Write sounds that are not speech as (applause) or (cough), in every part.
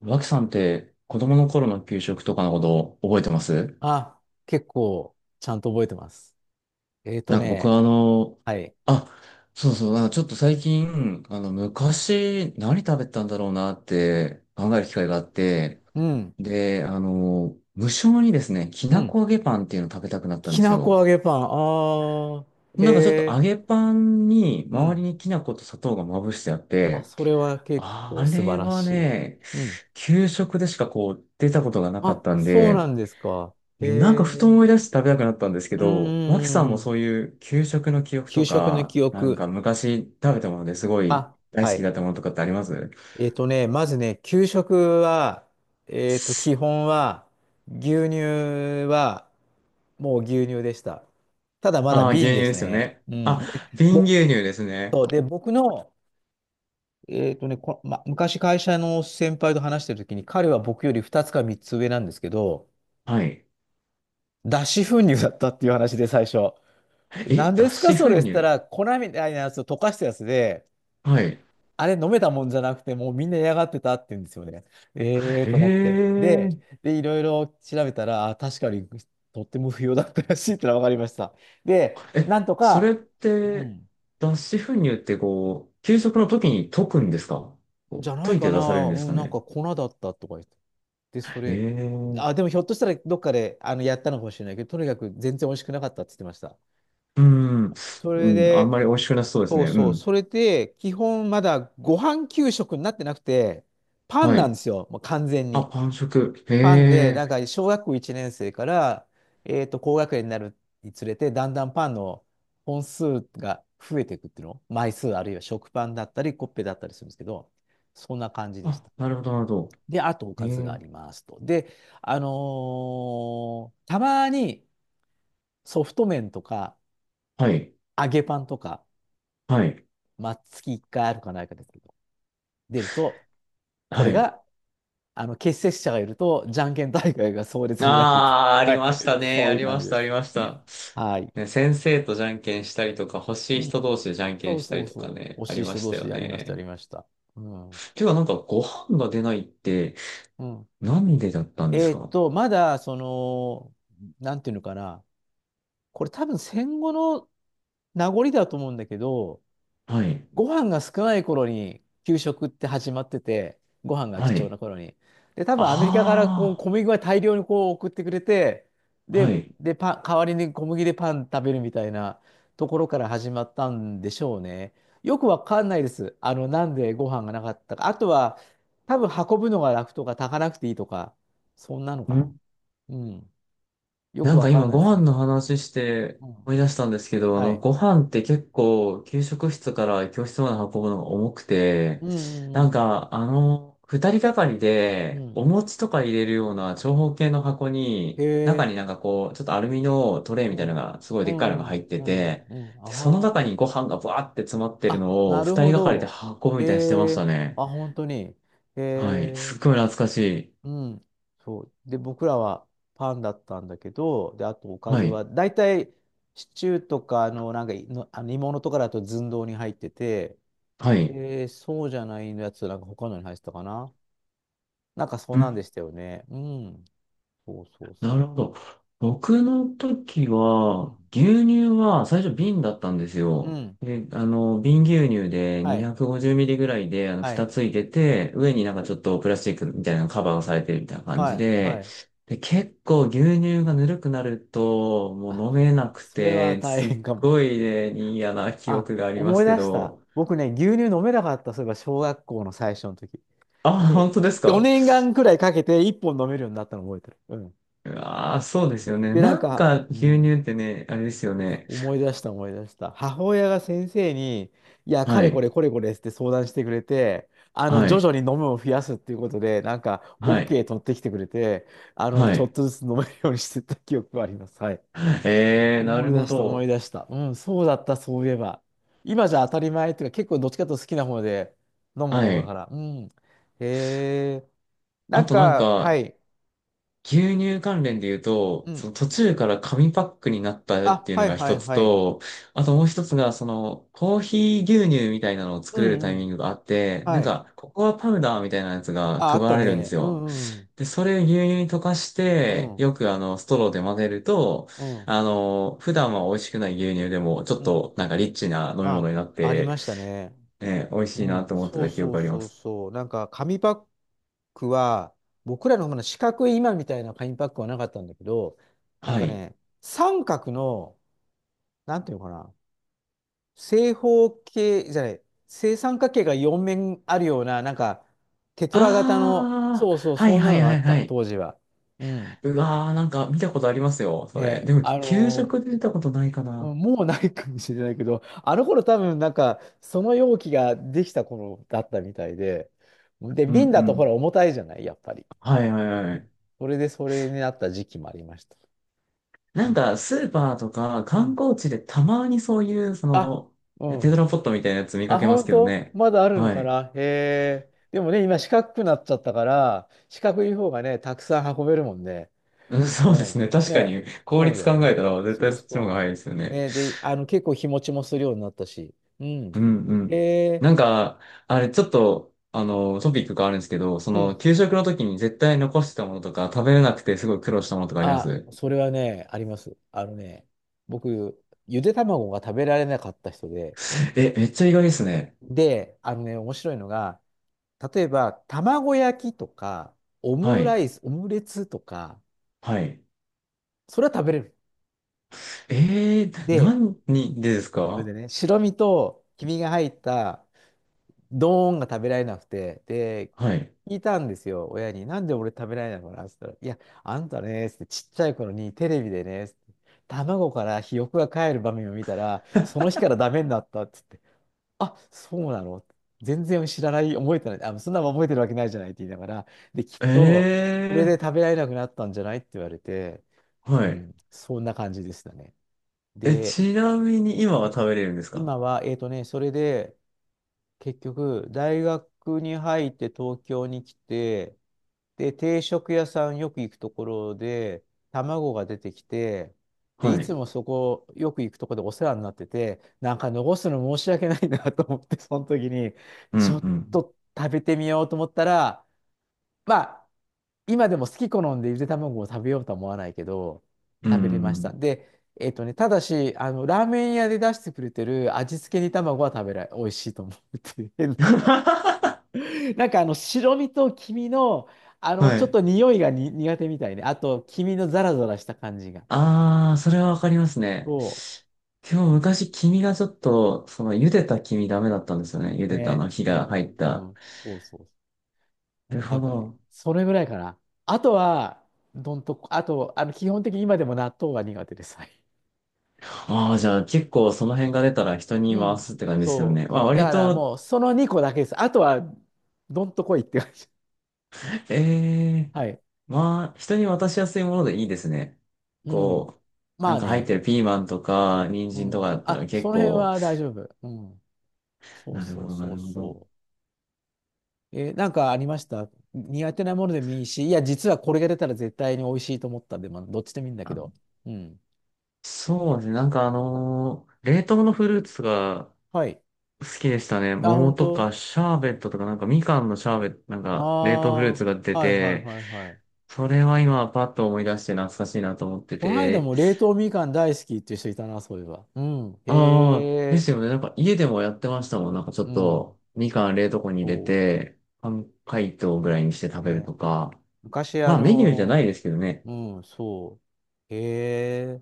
脇さんって子供の頃の給食とかのこと覚えてます？あ、結構、ちゃんと覚えてます。えーとなんか僕ね、はあの、はい。あ、そうそう、なんかちょっと最近、昔何食べたんだろうなって考える機会があって、うん、で、あの、無性にですね、きうなん。こ揚げパンっていうのを食べたくなったんきですなこ揚よ。げパン。あー、へなんかちょっと揚え、げパンにう周りん。にきな粉と砂糖がまぶしてあっあ、て、それは結あ構素晴れらはしい。ね、うん。給食でしかこう出たことがなかっあ、たんそうなで、んですか。へなんかふとえ、思い出して食べたくなったんですけうん、うど、脇さんもんうん。そういう給食の記憶給と食のか、記なんか憶。昔食べたものですごいあ、大は好きだい。ったものとかってあります？まずね、給食は、基本は、牛乳は、もう牛乳でした。ただまだああー、瓶牛乳ですですよね。ね。うあ、ん。で、瓶ぼ牛乳ですそね。うで僕の、昔会社の先輩と話してる時に、彼は僕より2つか3つ上なんですけど、はい。脱脂粉乳だったっていう話で最初。え、何ですか脱脂それ粉した乳？ら、粉みたいなやつを溶かしたやつで、はい。あれ飲めたもんじゃなくて、もうみんな嫌がってたって言うんですよね。ええと思って。で、ええ。で、いろいろ調べたら、あ、確かにとっても不要だったらしいってのは分かりました。で、え、なんとそれか、っうて、ん脱脂粉乳ってこう、給食の時に溶くんですか？じこゃうな溶いいかて出されるな、んうですかん、なんね？か粉だったとか言って。で、それ、えあ、え。でもひょっとしたらどっかでやったのかもしれないけど、とにかく全然美味しくなかったって言ってました。うん、そうれん、あんで、まり美味しくなさそうですそね。ううそう、ん。それで、基本まだご飯給食になってなくて、パンはなんい。ですよ、もう完全あ、に。パン食。へパンで、なえ。んか小学校1年生から、高学年になるにつれて、だんだんパンの本数が増えていくっていうの、枚数あるいは食パンだったり、コッペだったりするんですけど、そんな感じでしあ、た。なるほど、なるほど。で、あとおへかずがあえ。りますと。で、たまにソフト麺とかはい。揚げパンとか、はい。まあ、月1回あるかないかですけど、出ると、こはれい。が、あの、欠席者がいると、じゃんけん大会が壮烈になると。ああ、(laughs) あはりまい。したね。そうあいうり感まじしでた、す。ありました。はい。ね、先生とじゃんけんしたりとか、欲しうい人ん。同士でじゃんけそんうしたそりうとかそう。ね、惜あしりいま人し同た士よでやりました、やね。りました。うん。うてか、なんか、ご飯が出ないって、ん。なんでだったんですか？まだ、その、なんていうのかな。これ多分戦後の名残だと思うんだけど、はい。ご飯が少ない頃に給食って始まってて、ご飯が貴は重い。な頃に。で、多分アメリカからこうあ小麦が大量にこう送ってくれて、あ。はで、い。で、パン、代わりに小麦でパン食べるみたいなところから始まったんでしょうね。よくわかんないです。あの、なんでご飯がなかったか。あとは、多分運ぶのが楽とか炊かなくていいとか、そんなのかな。ん。うん。よくなんわかか今んないでごす。飯の話してうん。思い出したんですけど、あはの、い。ご飯って結構給食室から教室まで運ぶのが重くて、うんうん二人がかりうん。うでん。お餅とか入れるような長方形の箱へに、中え。になんかこう、ちょっとアルミのトレイうみたいなのん、がすごいうでっかいのがん、入ってうん、て、うん、で、その中あにご飯がバーって詰まってあ。るあ、のをなる二ほ人がかりでど。運ぶえみたいにしてましたえね。あ、本当に。はい。えすえっごい懐かしい。うん、そう。で、僕らはパンだったんだけど、で、あとおかはずい。は、だいたいシチューとか、あの、なんかいの、あの煮物とかだと寸胴に入ってて、はい。えーそうじゃないやつ、なんか他のに入ってたかな。なんかそううなんでん。したよね。うん、そうそうなるそほど。僕の時う。うん、は、牛乳は最う初ん、瓶だったんですうよ。んで、あの、瓶牛乳ではい、250ミリぐらいで、あの、は蓋い、ついてて、う上になん、んかちょっとプラスチックみたいなのカバーをされてるみたいな感はじい、はで、い。で、結構牛乳がぬるくなると、もう飲あ、めなくそれはて、大すっ変かも。ごいね、嫌な記あ、憶がありま思いすけ出した。ど、僕ね、牛乳飲めなかった、そういえば小学校の最初の時。あ、で、本当ですか？4年間くらいかけて1本飲めるようになったの覚えてる。うん。うわー、そうですよね。で、なんなんか、かう牛ん、乳ってね、あれですよね。思い出した思い出した。母親が先生に、いや、かはれこい、れこれこれって相談してくれて、あの、は徐々い、に飲むを増やすっていうことで、なんか、はい。OK 取ってきてくれて、あの、はちょっい。とずつ飲めるようにしてた記憶があります。はい。えー、な思るい出ほした、思いど。出した。うん、そうだった、そういえば。今じゃ当たり前っていうか、結構どっちかというと好きな方で、飲むは方だかい。ら。うん。へえ。なあんとなんか、はか、い。牛乳関連で言うと、うそん。の途中から紙パックになったっあ、ていうのはいがは一いつはい。と、あともう一つが、その、コーヒー牛乳みたいなのをう作れるんタうイミンん。グがあって、なんはい。か、ココアパウダーみたいなやつがあ、あ配ったられるんでね。すうよ。んうん。で、それを牛乳に溶かしうて、ん。よく、ストローで混ぜると、うん。あの、普段は美味しくない牛乳でも、ちょっうん。となんかリッチな飲み物あ、になっありて、ましたね。ね、美味しういなん。と思ってそうた記憶そうがありまそうす。そう。なんか、紙パックは、僕らのほうの四角い今みたいな紙パックはなかったんだけど、なんはかい。ね、三角の、なんていうのかな。正方形じゃない、正三角形が4面あるような、なんか、テトラ型の、あそあ、うそう、はいそんなはのいがあはいっはた、い。当時は。うん。うわー、なんか見たことありますよ、それ。ね、でも、給食で見たことないかな。もうないかもしれないけど、あの頃多分なんか、その容器ができた頃だったみたいで、で、う瓶んうだとほらん。重たいじゃない、やっぱり。はいはいはうい。んそれでそれになった時期もありました。うなんん。か、スーパーとかう観ん光地でたまにそういう、そあ、の、うテトん。ラポットみたいなやつ見かあ、けます本けど当ね。まだあるのはかい。なへえ。でもね、今四角くなっちゃったから、四角い方がね、たくさん運べるもんね。うん、うそうですん。ね。確かね、に、効そうだ率よ考ね。えたら絶そ対うそっちの方がそ早いですよう。ね。ね、で、あの、結構日持ちもするようになったし。ううん。んうへん。え、なんか、あれ、ちょっと、あの、トピックがあるんですけど、そうの、ん。給食の時に絶対残してたものとか、食べれなくてすごい苦労したものとかありまあ、す？それはね、あります。あのね、僕、ゆで卵が食べられなかった人で、え、めっちゃ意外ですね。で、あのね、面白いのが、例えば、卵焼きとか、オはムラい。イス、オムレツとか、はい。それは食べれる。えー、で、何でですそれか？でね、白身と黄身が入ったドーンが食べられなくて、で、はい。聞いたんですよ、親に。なんで俺食べられないのかなって言ったら、いや、あんたね、っつってちっちゃい頃にテレビでね、っつって卵からひよこが帰る場面を見たら、その日からダメになったっつって、あ、そうなの全然知らない、覚えてない、あ、そんなの覚えてるわけないじゃないって言いながら、で、きっえと、これで食べられなくなったんじゃないって言われて、ー、うはい。ん、そんな感じでしたね。え、で、ちなみに今うはん食べれるんですか？今は、それで、結局、大学に入って東京に来て、で、定食屋さんよく行くところで、卵が出てきて、で、いはつい。もそこ、よく行くところでお世話になってて、なんか残すの申し訳ないなと思って、その時に、うんうちょっん。と食べてみようと思ったら、まあ、今でも好き好んでゆで卵を食べようとは思わないけど、うん食べれうました。ん。で、ただし、あの、ラーメン屋で出してくれてる味付け煮卵は食べられ、美味しいと思うっていうな。(laughs) (laughs) なんかあの、白身と黄身の、あの、はちょっい。と匂いがに苦手みたいね。あと、黄身のザラザラした感じが。ああ、そうれはんわかりますね。そ今日昔、黄身がちょっと、その、茹でた黄身ダメだったんですよね。茹う。でたあね。の、火うが入っん、うた。ん。そうそなるう。なほんかね、ど。それぐらいかな。あとは、どんとこ、あと、あの、基本的に今でも納豆は苦手です。ああ、じゃあ結構その辺が出たら人にう回ん。すって感じですよそね。う、まあそう。だ割からと、もう、その2個だけです。あとは、どんと来いって感じ。え (laughs) え。はい。まあ人に渡しやすいものでいいですね。うん。こう、なまんあか入ってね。るピーマンとか、人う参とかん。だったらあ、結その辺構、は大丈夫。うん。そうなるほそうど、なそうるほど。そう。えーなんかありました？苦手なものでもいいし、いや、実はこれが出たら絶対に美味しいと思ったんで、まあ、どっちでもいいんだけど。あ、うん。そうですね。なんかあのー冷凍のフルーツがはい。好きでしたね。あ、桃本と当かシャーベットとかなんかみかんのシャーベット、なんか冷凍フルーああツが出ー、はいはいて、はいはい。それは今パッと思い出して懐かしいなと思ってこの間て。も冷凍みかん大好きっていう人いたな、そういえば。うん。へああ、ですえ。よね。なんか家でもやってましたもん。なんかちょうっん。とみかん冷凍庫に入それうて、半解凍ぐらいにして食べるね、とか。昔、まあメニューじゃないですけどね。うん、そう。へえ、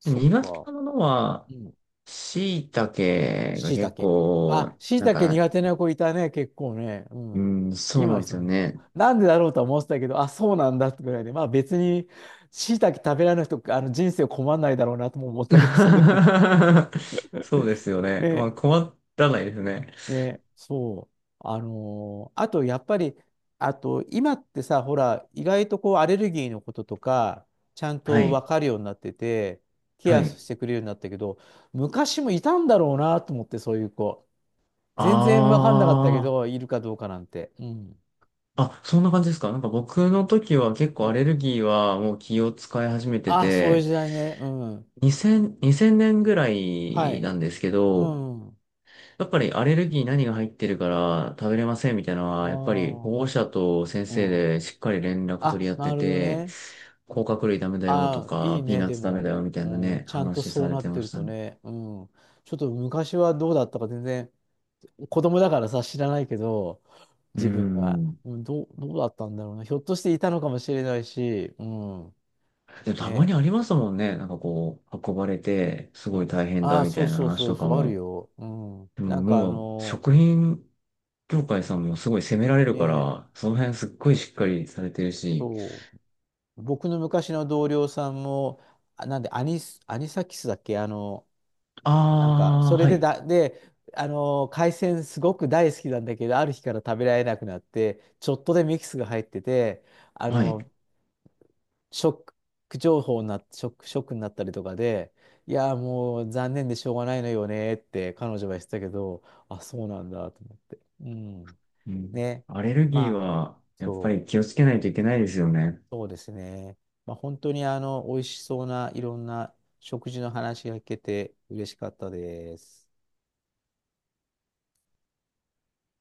そっ苦手か。なものは、うん。椎茸がしいた結け。構、あ、しいなんたけか、苦手な子いたね、結構ね。ううん。ん、そう今なんで人すよは。ね。なんでだろうとは思ってたけど、あ、そうなんだってぐらいで、まあ別に、しいたけ食べられない人、あの人生困んないだろうなとも思っ (laughs) たけど、その時 そうですよ (laughs) ね。まね、あ、困らないですね。で、そう。あと、やっぱり、あと、今ってさ、ほら、意外とこう、アレルギーのこととか、ちゃんはと分い。かるようになってて、ケはアい。してくれるようになったけど、昔もいたんだろうなと思って、そういう子。全然分かんなかったけあど、いるかどうかなんて。うん。あ。あ、そんな感じですか。なんか僕の時は結う構んアレルギーはもう気を使い始めてあ、そういうて、時代ね。うん。2000、年ぐらはいい。なんですけうど、ん。やっぱりアレルギー何が入ってるから食べれませんみたいなのあは、やっぱり保あ。護者と先う生ん。でしっかり連絡取あ、り合っなてるほどて、ね。甲殻類ダメだよとああ、いいか、ピーね、ナッでツダメも、だよみたいなうん、ね、ちゃんと話そさうれなてってまるしたとね。ね、うん、ちょっと昔はどうだったか全然、子供だからさ、知らないけど、うー自分は、ん。うん、どう、どうだったんだろうな、ひょっとしていたのかもしれないし、うん、でもたまにね、ありますもんね。なんかこう、運ばれて、すうごいん、大変あだあ、みそたういなそう話そう、とそかう、あるも。よ、うん、でもなんかあもう、の、食品業界さんもすごい責められるかね、ら、その辺すっごいしっかりされてるし。そう、僕の昔の同僚さんも、あなんで、アニス、アニサキスだっけ、あの、なんか、そああ、れはでい、だ、で、海鮮すごく大好きなんだけど、ある日から食べられなくなって、ちょっとでミキスが入ってて、あはい。のーショック情報になっ、ショック、ショックになったりとかで、いやー、もう残念でしょうがないのよねって彼女は言ってたけど、あ、そうなんだと思って。うん。うん、ね。アレルギーまあ、は、やっぱそう、り気をつけないといけないですよね。そうですね。まあ、本当にあの、美味しそうないろんな食事の話が聞けて嬉しかったです。